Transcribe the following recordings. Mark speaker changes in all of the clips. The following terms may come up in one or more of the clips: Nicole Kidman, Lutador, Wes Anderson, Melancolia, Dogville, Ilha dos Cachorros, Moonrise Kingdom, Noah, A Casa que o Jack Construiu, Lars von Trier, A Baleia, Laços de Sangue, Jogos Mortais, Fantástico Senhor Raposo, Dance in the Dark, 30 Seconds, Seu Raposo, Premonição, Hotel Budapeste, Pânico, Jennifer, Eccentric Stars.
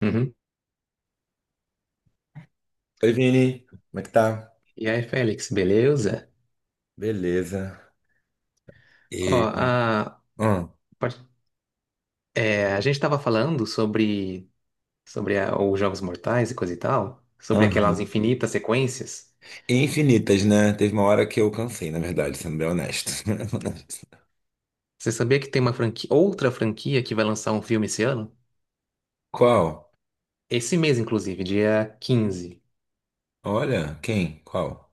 Speaker 1: Uhum.
Speaker 2: Oi, Vini. Como é que tá?
Speaker 1: E aí, Félix, beleza?
Speaker 2: Beleza.
Speaker 1: Ó,
Speaker 2: E... Ah,
Speaker 1: part- a gente tava falando sobre, sobre os Jogos Mortais e coisa e tal, sobre aquelas
Speaker 2: aham.
Speaker 1: infinitas sequências.
Speaker 2: Infinitas, né? Teve uma hora que eu cansei, na verdade, sendo bem honesto.
Speaker 1: Você sabia que tem uma franquia, outra franquia que vai lançar um filme esse ano?
Speaker 2: Qual?
Speaker 1: Esse mês, inclusive, dia 15?
Speaker 2: Olha, quem? Qual?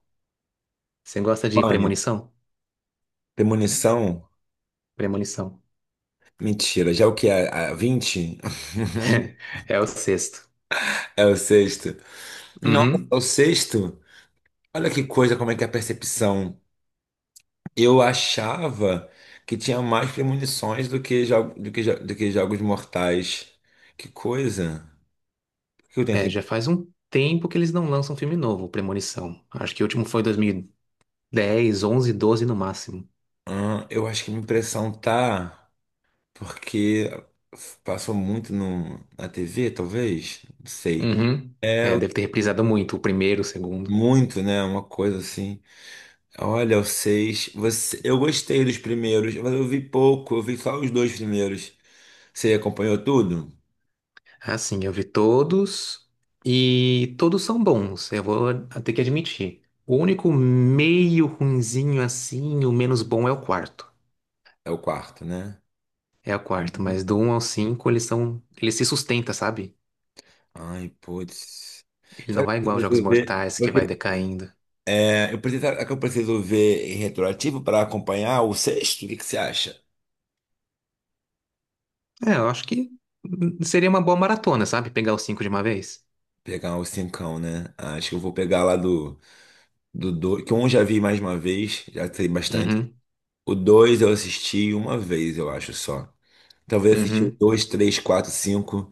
Speaker 1: Você gosta de
Speaker 2: Pânico.
Speaker 1: Premonição?
Speaker 2: Premonição?
Speaker 1: Premonição.
Speaker 2: Mentira. Já é o que é? A 20
Speaker 1: É o sexto.
Speaker 2: é o sexto. Nossa, é
Speaker 1: Uhum.
Speaker 2: o sexto? Olha que coisa, como é que é a percepção. Eu achava que tinha mais premonições do que, do que jogos mortais. Que coisa. Por que eu tenho
Speaker 1: É,
Speaker 2: essa...
Speaker 1: já faz um tempo que eles não lançam um filme novo, Premonição. Acho que o último foi 2010, onze, doze no máximo.
Speaker 2: Ah, eu acho que minha impressão tá porque passou muito na TV, talvez, não sei.
Speaker 1: Uhum. É, deve ter reprisado muito, o primeiro, o segundo.
Speaker 2: Muito, né? Uma coisa assim. Olha, o seis. Você, eu gostei dos primeiros, mas eu vi pouco, eu vi só os dois primeiros. Você acompanhou tudo?
Speaker 1: Ah, sim, eu vi todos e todos são bons, eu vou ter que admitir. O único meio ruinzinho assim, o menos bom é o quarto.
Speaker 2: É o quarto, né?
Speaker 1: É o quarto,
Speaker 2: Uhum.
Speaker 1: mas do um ao 5 eles são, ele se sustenta, sabe?
Speaker 2: Ai, putz.
Speaker 1: Ele não
Speaker 2: Sabe o
Speaker 1: vai
Speaker 2: que eu
Speaker 1: igual aos Jogos
Speaker 2: preciso ver?
Speaker 1: Mortais que vai decaindo.
Speaker 2: Eu preciso, é que eu preciso ver em retroativo para acompanhar o sexto? O que que você acha?
Speaker 1: É, eu acho que seria uma boa maratona, sabe? Pegar os cinco de uma vez.
Speaker 2: Pegar o cincão, né? Acho que eu vou pegar lá do dois, que um eu já vi mais uma vez, já sei bastante.
Speaker 1: Uhum,
Speaker 2: O dois eu assisti uma vez, eu acho só. Talvez assisti o
Speaker 1: uhum.
Speaker 2: dois, três, quatro, cinco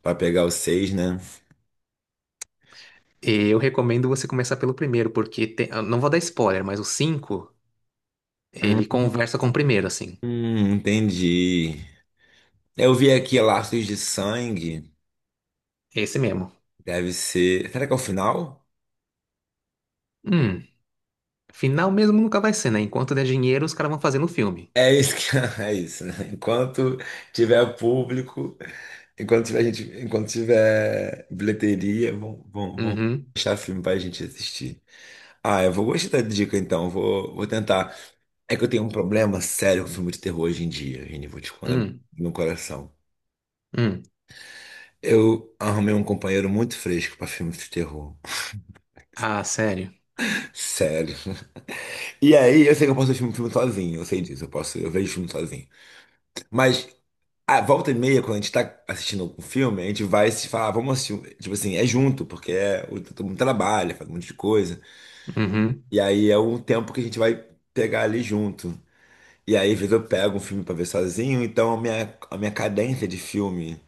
Speaker 2: pra pegar o seis, né?
Speaker 1: E eu recomendo você começar pelo primeiro, porque eu não vou dar spoiler, mas o cinco, ele conversa com o primeiro, assim.
Speaker 2: Entendi. Eu vi aqui Laços de Sangue,
Speaker 1: Esse mesmo.
Speaker 2: deve ser. Será que é o final?
Speaker 1: Hum, Final mesmo nunca vai ser, né? Enquanto der dinheiro, os caras vão fazendo o filme.
Speaker 2: É isso que é isso, né? Enquanto tiver público, enquanto tiver gente, enquanto tiver bilheteria, vão, vão, vão
Speaker 1: Uhum,
Speaker 2: deixar filme pra gente assistir. Ah, eu vou gostar da dica então, vou, vou tentar. É que eu tenho um problema sério com filme de terror hoje em dia, Vini, vou te contar do
Speaker 1: hum,
Speaker 2: meu coração.
Speaker 1: hum.
Speaker 2: Eu arrumei um companheiro muito fresco pra filme de terror.
Speaker 1: Ah, sério?
Speaker 2: Sério. E aí, eu sei que eu posso assistir um filme sozinho, eu sei disso, eu posso, eu vejo filme sozinho. Mas a volta e meia, quando a gente tá assistindo um filme, a gente vai se falar, "Ah, vamos assistir. Tipo assim, é junto, todo mundo trabalha, faz um monte de coisa.
Speaker 1: Uhum,
Speaker 2: E aí é um tempo que a gente vai pegar ali junto. E aí, às vezes eu pego um filme pra ver sozinho, então a minha cadência de filme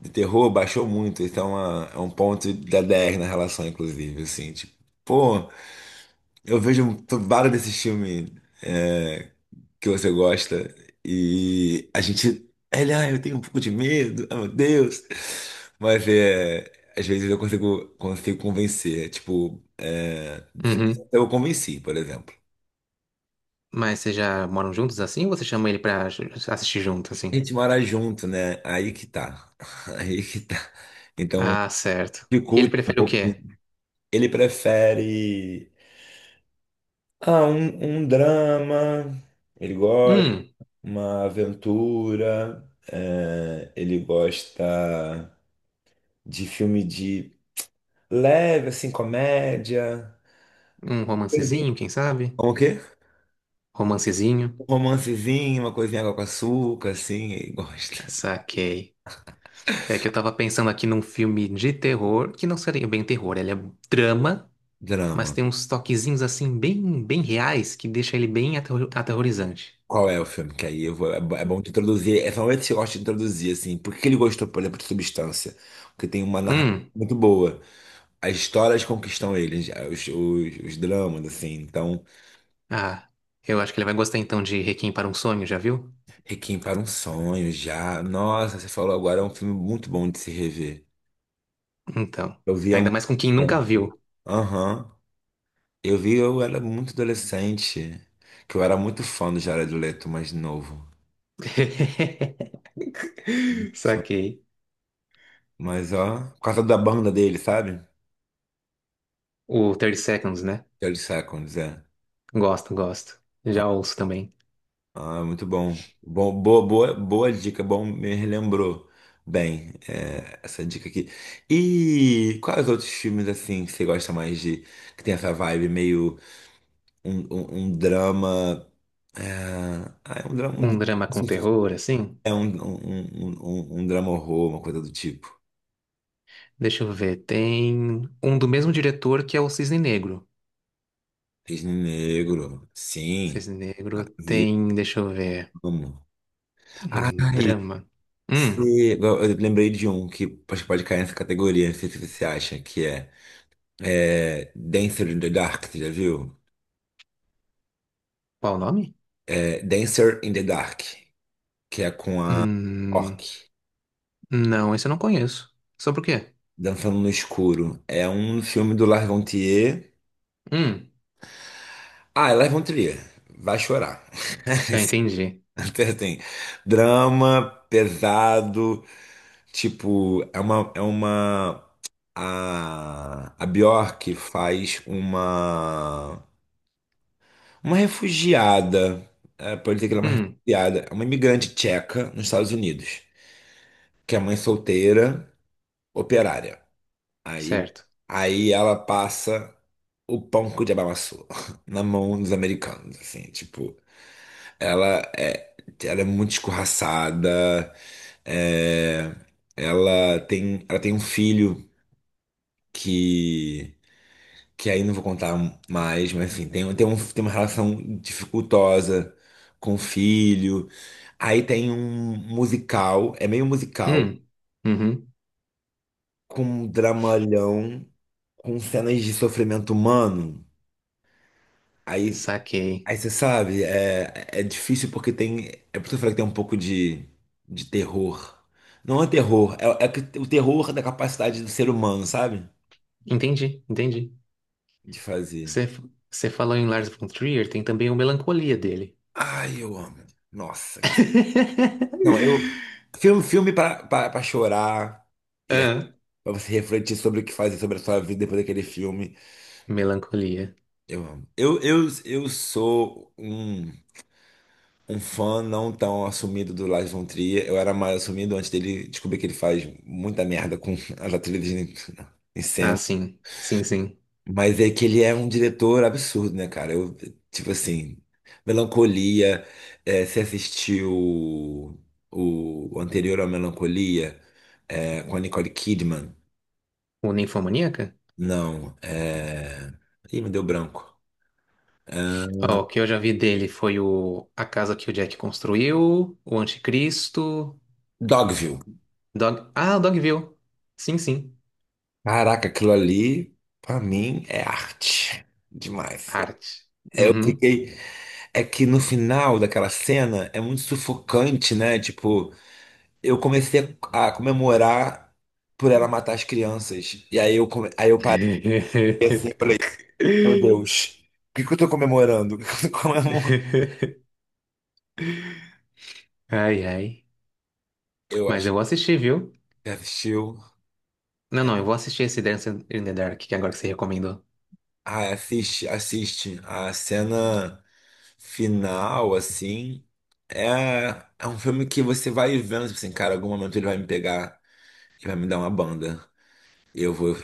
Speaker 2: de terror baixou muito. É um ponto da 10 na relação, inclusive, assim, tipo, pô, vários desses filmes é, que você gosta e a gente, ele, ah, eu tenho um pouco de medo, ah, meu Deus. Mas é, Às vezes eu consigo convencer, tipo,
Speaker 1: uhum.
Speaker 2: eu convenci, por exemplo.
Speaker 1: Mas vocês já moram juntos assim ou você chama ele pra assistir junto,
Speaker 2: A
Speaker 1: assim?
Speaker 2: gente mora junto, né? Aí que tá. Aí que tá. Então,
Speaker 1: Ah, certo. E ele
Speaker 2: dificulta um
Speaker 1: prefere o
Speaker 2: pouco, assim.
Speaker 1: quê?
Speaker 2: Ele prefere um drama, ele gosta,
Speaker 1: Hum,
Speaker 2: uma aventura, ele gosta de filme de leve, assim, comédia.
Speaker 1: Um
Speaker 2: Coisinha.
Speaker 1: romancezinho, quem sabe?
Speaker 2: Como o quê?
Speaker 1: Romancezinho.
Speaker 2: Um romancezinho, uma coisinha água com açúcar, assim, ele gosta.
Speaker 1: Saquei. É que eu tava pensando aqui num filme de terror, que não seria bem terror, ele é drama, mas
Speaker 2: Drama.
Speaker 1: tem uns toquezinhos assim bem, bem reais que deixa ele bem aterrorizante.
Speaker 2: Qual é o filme? Que aí eu vou, é bo- É bom te introduzir. É realmente que eu gosto de introduzir, assim. Por que que ele gostou, por exemplo, de Substância? Porque tem uma narrativa
Speaker 1: Hum,
Speaker 2: muito boa. As histórias conquistam ele, já, os dramas, assim. Então,
Speaker 1: ah, eu acho que ele vai gostar então de Requiem para um Sonho, já viu?
Speaker 2: Requiem para um Sonho, já. Nossa, você falou agora, é um filme muito bom de se rever.
Speaker 1: Então,
Speaker 2: Eu via
Speaker 1: ainda
Speaker 2: muito.
Speaker 1: mais com quem nunca viu.
Speaker 2: Aham. Eu vi, eu era muito adolescente. Que eu era muito fã do Jared Leto, mais novo.
Speaker 1: Saquei.
Speaker 2: Mas, ó, por causa da banda dele, sabe?
Speaker 1: O 30 Seconds, né?
Speaker 2: Thirty Seconds, é.
Speaker 1: Gosto, gosto. Já ouço também.
Speaker 2: Ah, muito bom. Bom, boa dica, bom, me relembrou bem essa dica aqui. E quais outros filmes assim que você gosta mais de que tem essa vibe meio um drama? É, ah, é um drama,
Speaker 1: Um
Speaker 2: um-
Speaker 1: drama com terror, assim.
Speaker 2: é um, um, um, um- um drama horror, uma coisa do tipo.
Speaker 1: Deixa eu ver. Tem um do mesmo diretor que é o Cisne Negro.
Speaker 2: Cisne Negro, sim,
Speaker 1: Cisne Negro
Speaker 2: vi,
Speaker 1: tem, deixa eu ver,
Speaker 2: amo.
Speaker 1: um
Speaker 2: Ai,
Speaker 1: drama. Hum,
Speaker 2: se, Eu lembrei de um que acho que pode cair nessa categoria, não sei se você acha que é. É, Dancer in the Dark, você já viu?
Speaker 1: Qual o nome?
Speaker 2: É, Dancer in the Dark, que é com a Orc,
Speaker 1: Hum. Não, esse eu não conheço. Sobre o quê?
Speaker 2: Dançando no Escuro. É um filme do Lars von Trier.
Speaker 1: Hum,
Speaker 2: Ah, é Lars von Trier. Vai chorar.
Speaker 1: Já entendi.
Speaker 2: Até tem drama pesado, tipo, a Bjork faz uma refugiada, pode dizer que ela é uma
Speaker 1: Hum,
Speaker 2: refugiada, é uma imigrante tcheca nos Estados Unidos, que é mãe solteira operária. Aí,
Speaker 1: Certo.
Speaker 2: Aí ela passa o pão com Diabamaçu na mão dos americanos, assim, tipo, ela é, ela é muito escorraçada, é, ela tem um filho que, que aí não vou contar mais, mas enfim, tem uma relação dificultosa com o filho. Aí tem um musical, é meio musical,
Speaker 1: Hum, uhum,
Speaker 2: com um dramalhão com cenas de sofrimento humano, aí,
Speaker 1: saquei.
Speaker 2: aí você sabe, é difícil porque tem. É por isso que eu falei que tem um pouco de terror. Não é terror, o terror é da capacidade do ser humano, sabe?
Speaker 1: Entendi, entendi.
Speaker 2: De fazer.
Speaker 1: Você, você falou em Lars von Trier, tem também o Melancolia dele.
Speaker 2: Ai, eu amo. Nossa, que. Não, eu. Filme, filme pra chorar. E é
Speaker 1: Ah,
Speaker 2: pra você refletir sobre o que fazer sobre a sua vida depois daquele filme.
Speaker 1: melancolia.
Speaker 2: Eu amo. Eu sou um um fã não tão assumido do Lars von Trier. Eu era mais assumido antes dele descobrir que ele faz muita merda com as atrizes em em
Speaker 1: Ah,
Speaker 2: cena.
Speaker 1: sim. Sim, sim.
Speaker 2: Mas é que ele é um diretor absurdo, né, cara? Tipo assim, Melancolia, você assistiu o anterior ao Melancolia, com a Nicole Kidman?
Speaker 1: O Ninfomaníaca?
Speaker 2: Não, é... Ih, me deu branco. É,
Speaker 1: Ó, o que eu já vi dele foi o A Casa que o Jack Construiu, o Anticristo,
Speaker 2: Dogville.
Speaker 1: Ah, o Dogville. Sim, sim.
Speaker 2: Caraca, aquilo ali, pra mim, é arte. Demais.
Speaker 1: Arte.
Speaker 2: É, eu
Speaker 1: Uhum.
Speaker 2: fiquei. É que no final daquela cena é muito sufocante, né? Tipo, eu comecei a comemorar por ela matar as crianças. Aí eu parei assim e falei: Meu Deus, o que que eu tô comemorando? O que que eu tô comemorando?
Speaker 1: Ai, ai.
Speaker 2: Eu
Speaker 1: Mas
Speaker 2: acho
Speaker 1: eu vou
Speaker 2: que
Speaker 1: assistir, viu?
Speaker 2: você assistiu.
Speaker 1: Não, não, eu vou assistir esse Dance in the Dark, que é agora que você recomendou.
Speaker 2: Ah, assiste, assiste. A cena final, assim. É, é um filme que você vai vendo, tipo assim, cara, em algum momento ele vai me pegar e vai me dar uma banda. Eu vou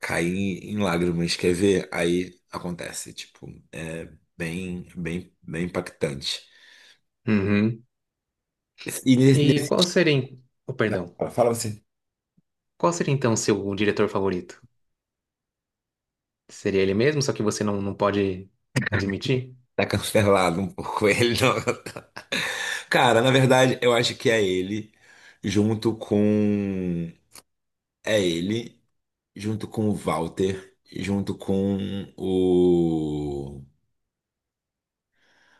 Speaker 2: cair em lágrimas, quer ver? Aí acontece, tipo, é bem impactante.
Speaker 1: Uhum.
Speaker 2: E nesse,
Speaker 1: E
Speaker 2: nesse-
Speaker 1: qual seria, oh, perdão,
Speaker 2: Fala você,
Speaker 1: qual seria então o seu diretor favorito? Seria ele mesmo, só que você não pode admitir?
Speaker 2: tá cancelado um pouco ele, não. Cara, na verdade, eu acho que é ele, junto com. É ele, junto com o Walter, junto com o.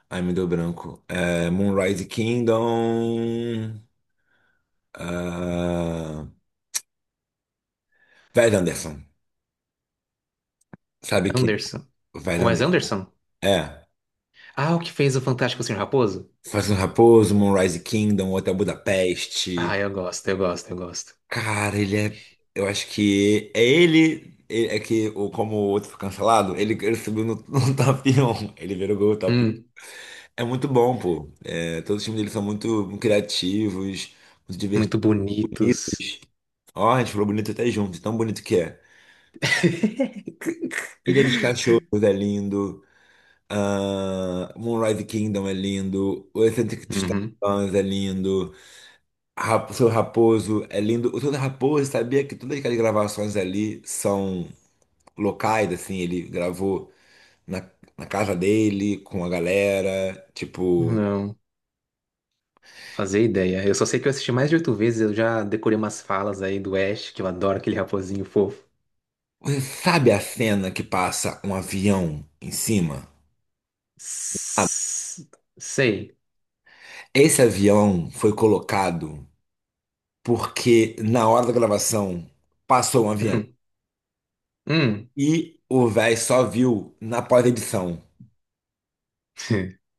Speaker 2: Ai, me deu branco. É, Moonrise Kingdom. ah, Wes Anderson. Sabe...
Speaker 1: Anderson.
Speaker 2: Vai dar
Speaker 1: Wes
Speaker 2: nessa.
Speaker 1: Anderson?
Speaker 2: É.
Speaker 1: Ah, o que fez o Fantástico Senhor Raposo?
Speaker 2: Faz um Raposo, Moonrise Kingdom, Hotel Budapeste.
Speaker 1: Ah, eu gosto, eu gosto, eu gosto.
Speaker 2: Cara, ele é. Eu acho que é ele. É que o... como o outro foi cancelado, ele subiu no top 1. Ele virou gol top
Speaker 1: Hum,
Speaker 2: 1. É muito bom, pô. É, todos os times dele são muito criativos, muito divertidos.
Speaker 1: Muito bonitos.
Speaker 2: Ó, a gente falou bonito até junto, tão bonito que é. Ilha dos Cachorros é lindo. Moonrise Kingdom é lindo. O Eccentric
Speaker 1: Uhum.
Speaker 2: Stars é lindo. O seu Raposo é lindo. O seu Raposo sabia que todas aquelas gravações ali são locais, assim, ele gravou na, na casa dele, com a galera. Tipo,
Speaker 1: Não. Fazer ideia. Eu só sei que eu assisti mais de oito vezes, eu já decorei umas falas aí do Ash, que eu adoro aquele raposinho fofo.
Speaker 2: você sabe a cena que passa um avião em cima?
Speaker 1: S- Sei.
Speaker 2: Esse avião foi colocado porque na hora da gravação passou um avião.
Speaker 1: Hum, hum.
Speaker 2: E o véi só viu na pós-edição.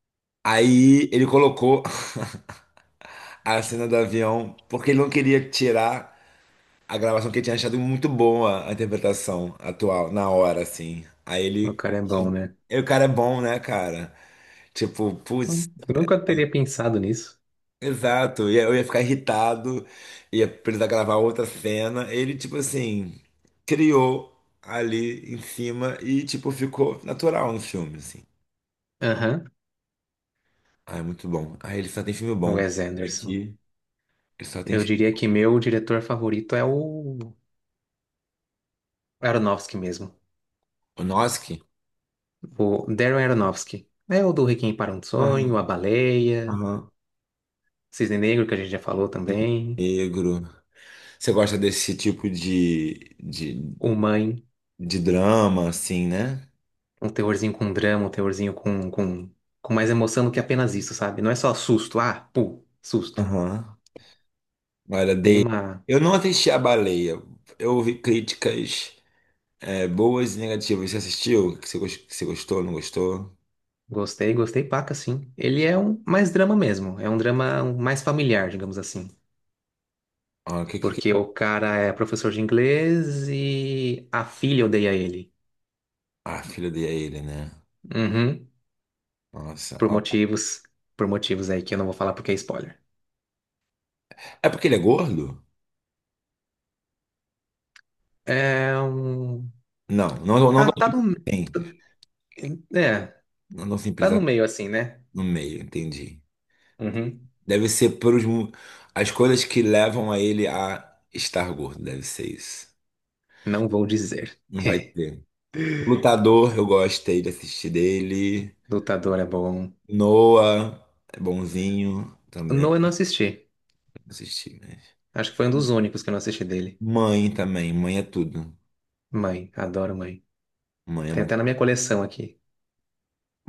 Speaker 2: Aí ele colocou a cena do avião porque ele não queria tirar a gravação que ele tinha achado muito boa a interpretação atual, na hora, assim. Aí
Speaker 1: O
Speaker 2: ele...
Speaker 1: cara é bom, né?
Speaker 2: E o cara é bom, né, cara? Tipo, putz,
Speaker 1: Eu nunca teria pensado nisso.
Speaker 2: exato. E aí eu ia ficar irritado, ia precisar gravar outra cena. Ele, tipo assim, criou ali em cima e, tipo, ficou natural no filme, assim.
Speaker 1: Aham.
Speaker 2: Ah, é muito bom. Ah, ele só tem filme
Speaker 1: O
Speaker 2: bom.
Speaker 1: Wes Anderson.
Speaker 2: Aqui, ele só tem
Speaker 1: Eu
Speaker 2: filme.
Speaker 1: diria que meu diretor favorito é o Aronofsky mesmo.
Speaker 2: O Noski?
Speaker 1: O Darren Aronofsky. É o do Requiem para um Sonho,
Speaker 2: Aham,
Speaker 1: A Baleia,
Speaker 2: aham.
Speaker 1: Cisne Negro, que a gente já falou também.
Speaker 2: Negro. Você gosta desse tipo
Speaker 1: O Mãe.
Speaker 2: de drama, assim, né?
Speaker 1: Um teorzinho com drama, um teorzinho com mais emoção do que apenas isso, sabe? Não é só susto, ah, pô, susto.
Speaker 2: Aham. Olha,
Speaker 1: Tem
Speaker 2: dei.
Speaker 1: uma.
Speaker 2: Eu não assisti A Baleia. Eu ouvi críticas boas e negativas. Você assistiu? Que você gostou, não gostou?
Speaker 1: Gostei, gostei, paca, sim. Ele é um mais drama mesmo, é um drama mais familiar, digamos assim.
Speaker 2: Ah,
Speaker 1: Porque o cara é professor de inglês e a filha odeia ele.
Speaker 2: ah, filho dele é ele, né?
Speaker 1: Uhum.
Speaker 2: Nossa.
Speaker 1: Por
Speaker 2: Ó.
Speaker 1: motivos, por motivos aí que eu não vou falar porque é spoiler.
Speaker 2: É porque ele é gordo?
Speaker 1: É um.
Speaker 2: Não, não, não,
Speaker 1: Tá,
Speaker 2: não
Speaker 1: tá no.
Speaker 2: tem.
Speaker 1: É,
Speaker 2: Não, não
Speaker 1: tá
Speaker 2: simples é
Speaker 1: no meio assim, né?
Speaker 2: no meio, entendi.
Speaker 1: Uhum.
Speaker 2: Deve ser por os, as coisas que levam a ele a estar gordo, deve ser isso.
Speaker 1: Não vou dizer.
Speaker 2: Não vai ter... Lutador, eu gostei de assistir dele.
Speaker 1: Lutador é bom.
Speaker 2: Noah é bonzinho também.
Speaker 1: No, eu não assisti.
Speaker 2: Assisti, mas.
Speaker 1: Acho que foi um dos únicos que eu não assisti dele.
Speaker 2: Mãe também, mãe é tudo.
Speaker 1: Mãe, adoro Mãe.
Speaker 2: Mãe é
Speaker 1: Tem
Speaker 2: muito.
Speaker 1: até na minha coleção aqui.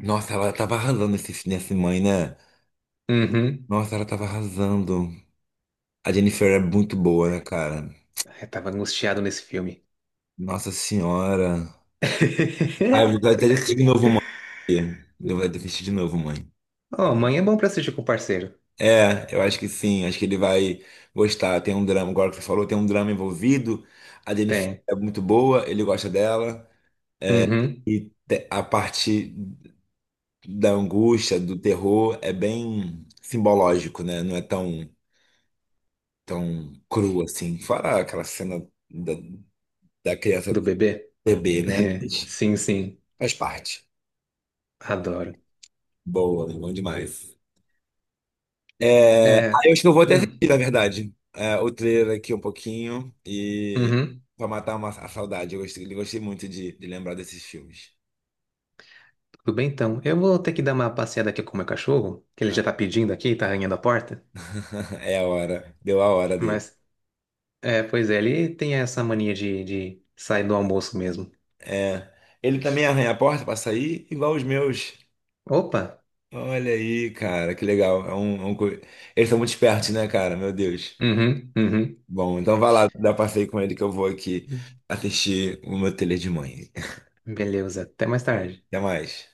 Speaker 2: Nossa, ela tava arrasando nesse mãe, né?
Speaker 1: Uhum.
Speaker 2: Nossa, ela tava arrasando. A Jennifer é muito boa, né, cara?
Speaker 1: Eu tava angustiado nesse filme.
Speaker 2: Nossa senhora. Ah, eu vou até assistir de novo, mãe. Eu vou até assistir de novo, mãe.
Speaker 1: Oh, Mãe é bom pra assistir com o parceiro.
Speaker 2: É, eu acho que sim, acho que ele vai gostar. Tem um drama, agora que você falou, tem um drama envolvido. A Jennifer
Speaker 1: Tem.
Speaker 2: é muito boa, ele gosta dela.
Speaker 1: Uhum.
Speaker 2: A parte da angústia, do terror, é bem simbológico, né? Não é tão cru assim. Fora aquela cena da, da criança
Speaker 1: Do bebê?
Speaker 2: bebê, né? Mas
Speaker 1: Sim, sim.
Speaker 2: faz parte.
Speaker 1: Adoro.
Speaker 2: Boa, bom demais. É, ah,
Speaker 1: É.
Speaker 2: eu acho que eu vou até
Speaker 1: Hum.
Speaker 2: assistir, na verdade, o trailer aqui um pouquinho e
Speaker 1: Uhum.
Speaker 2: pra matar a saudade. Eu gostei, gostei muito de lembrar desses filmes.
Speaker 1: Tudo bem, então. Eu vou ter que dar uma passeada aqui com o meu cachorro, que ele já tá pedindo aqui, tá arranhando a porta.
Speaker 2: É a hora, deu a hora dele.
Speaker 1: Mas, é, pois é, ele tem essa mania de, sair do almoço mesmo.
Speaker 2: É, ele também arranha a porta pra sair, igual os meus.
Speaker 1: Opa!
Speaker 2: Olha aí, cara, que legal. Eles são muito espertos, né, cara? Meu Deus.
Speaker 1: Uhum, uhum.
Speaker 2: Bom, então vai lá, dá passeio com ele que eu vou aqui assistir o meu telê de mãe.
Speaker 1: Beleza, até mais tarde.
Speaker 2: Até mais.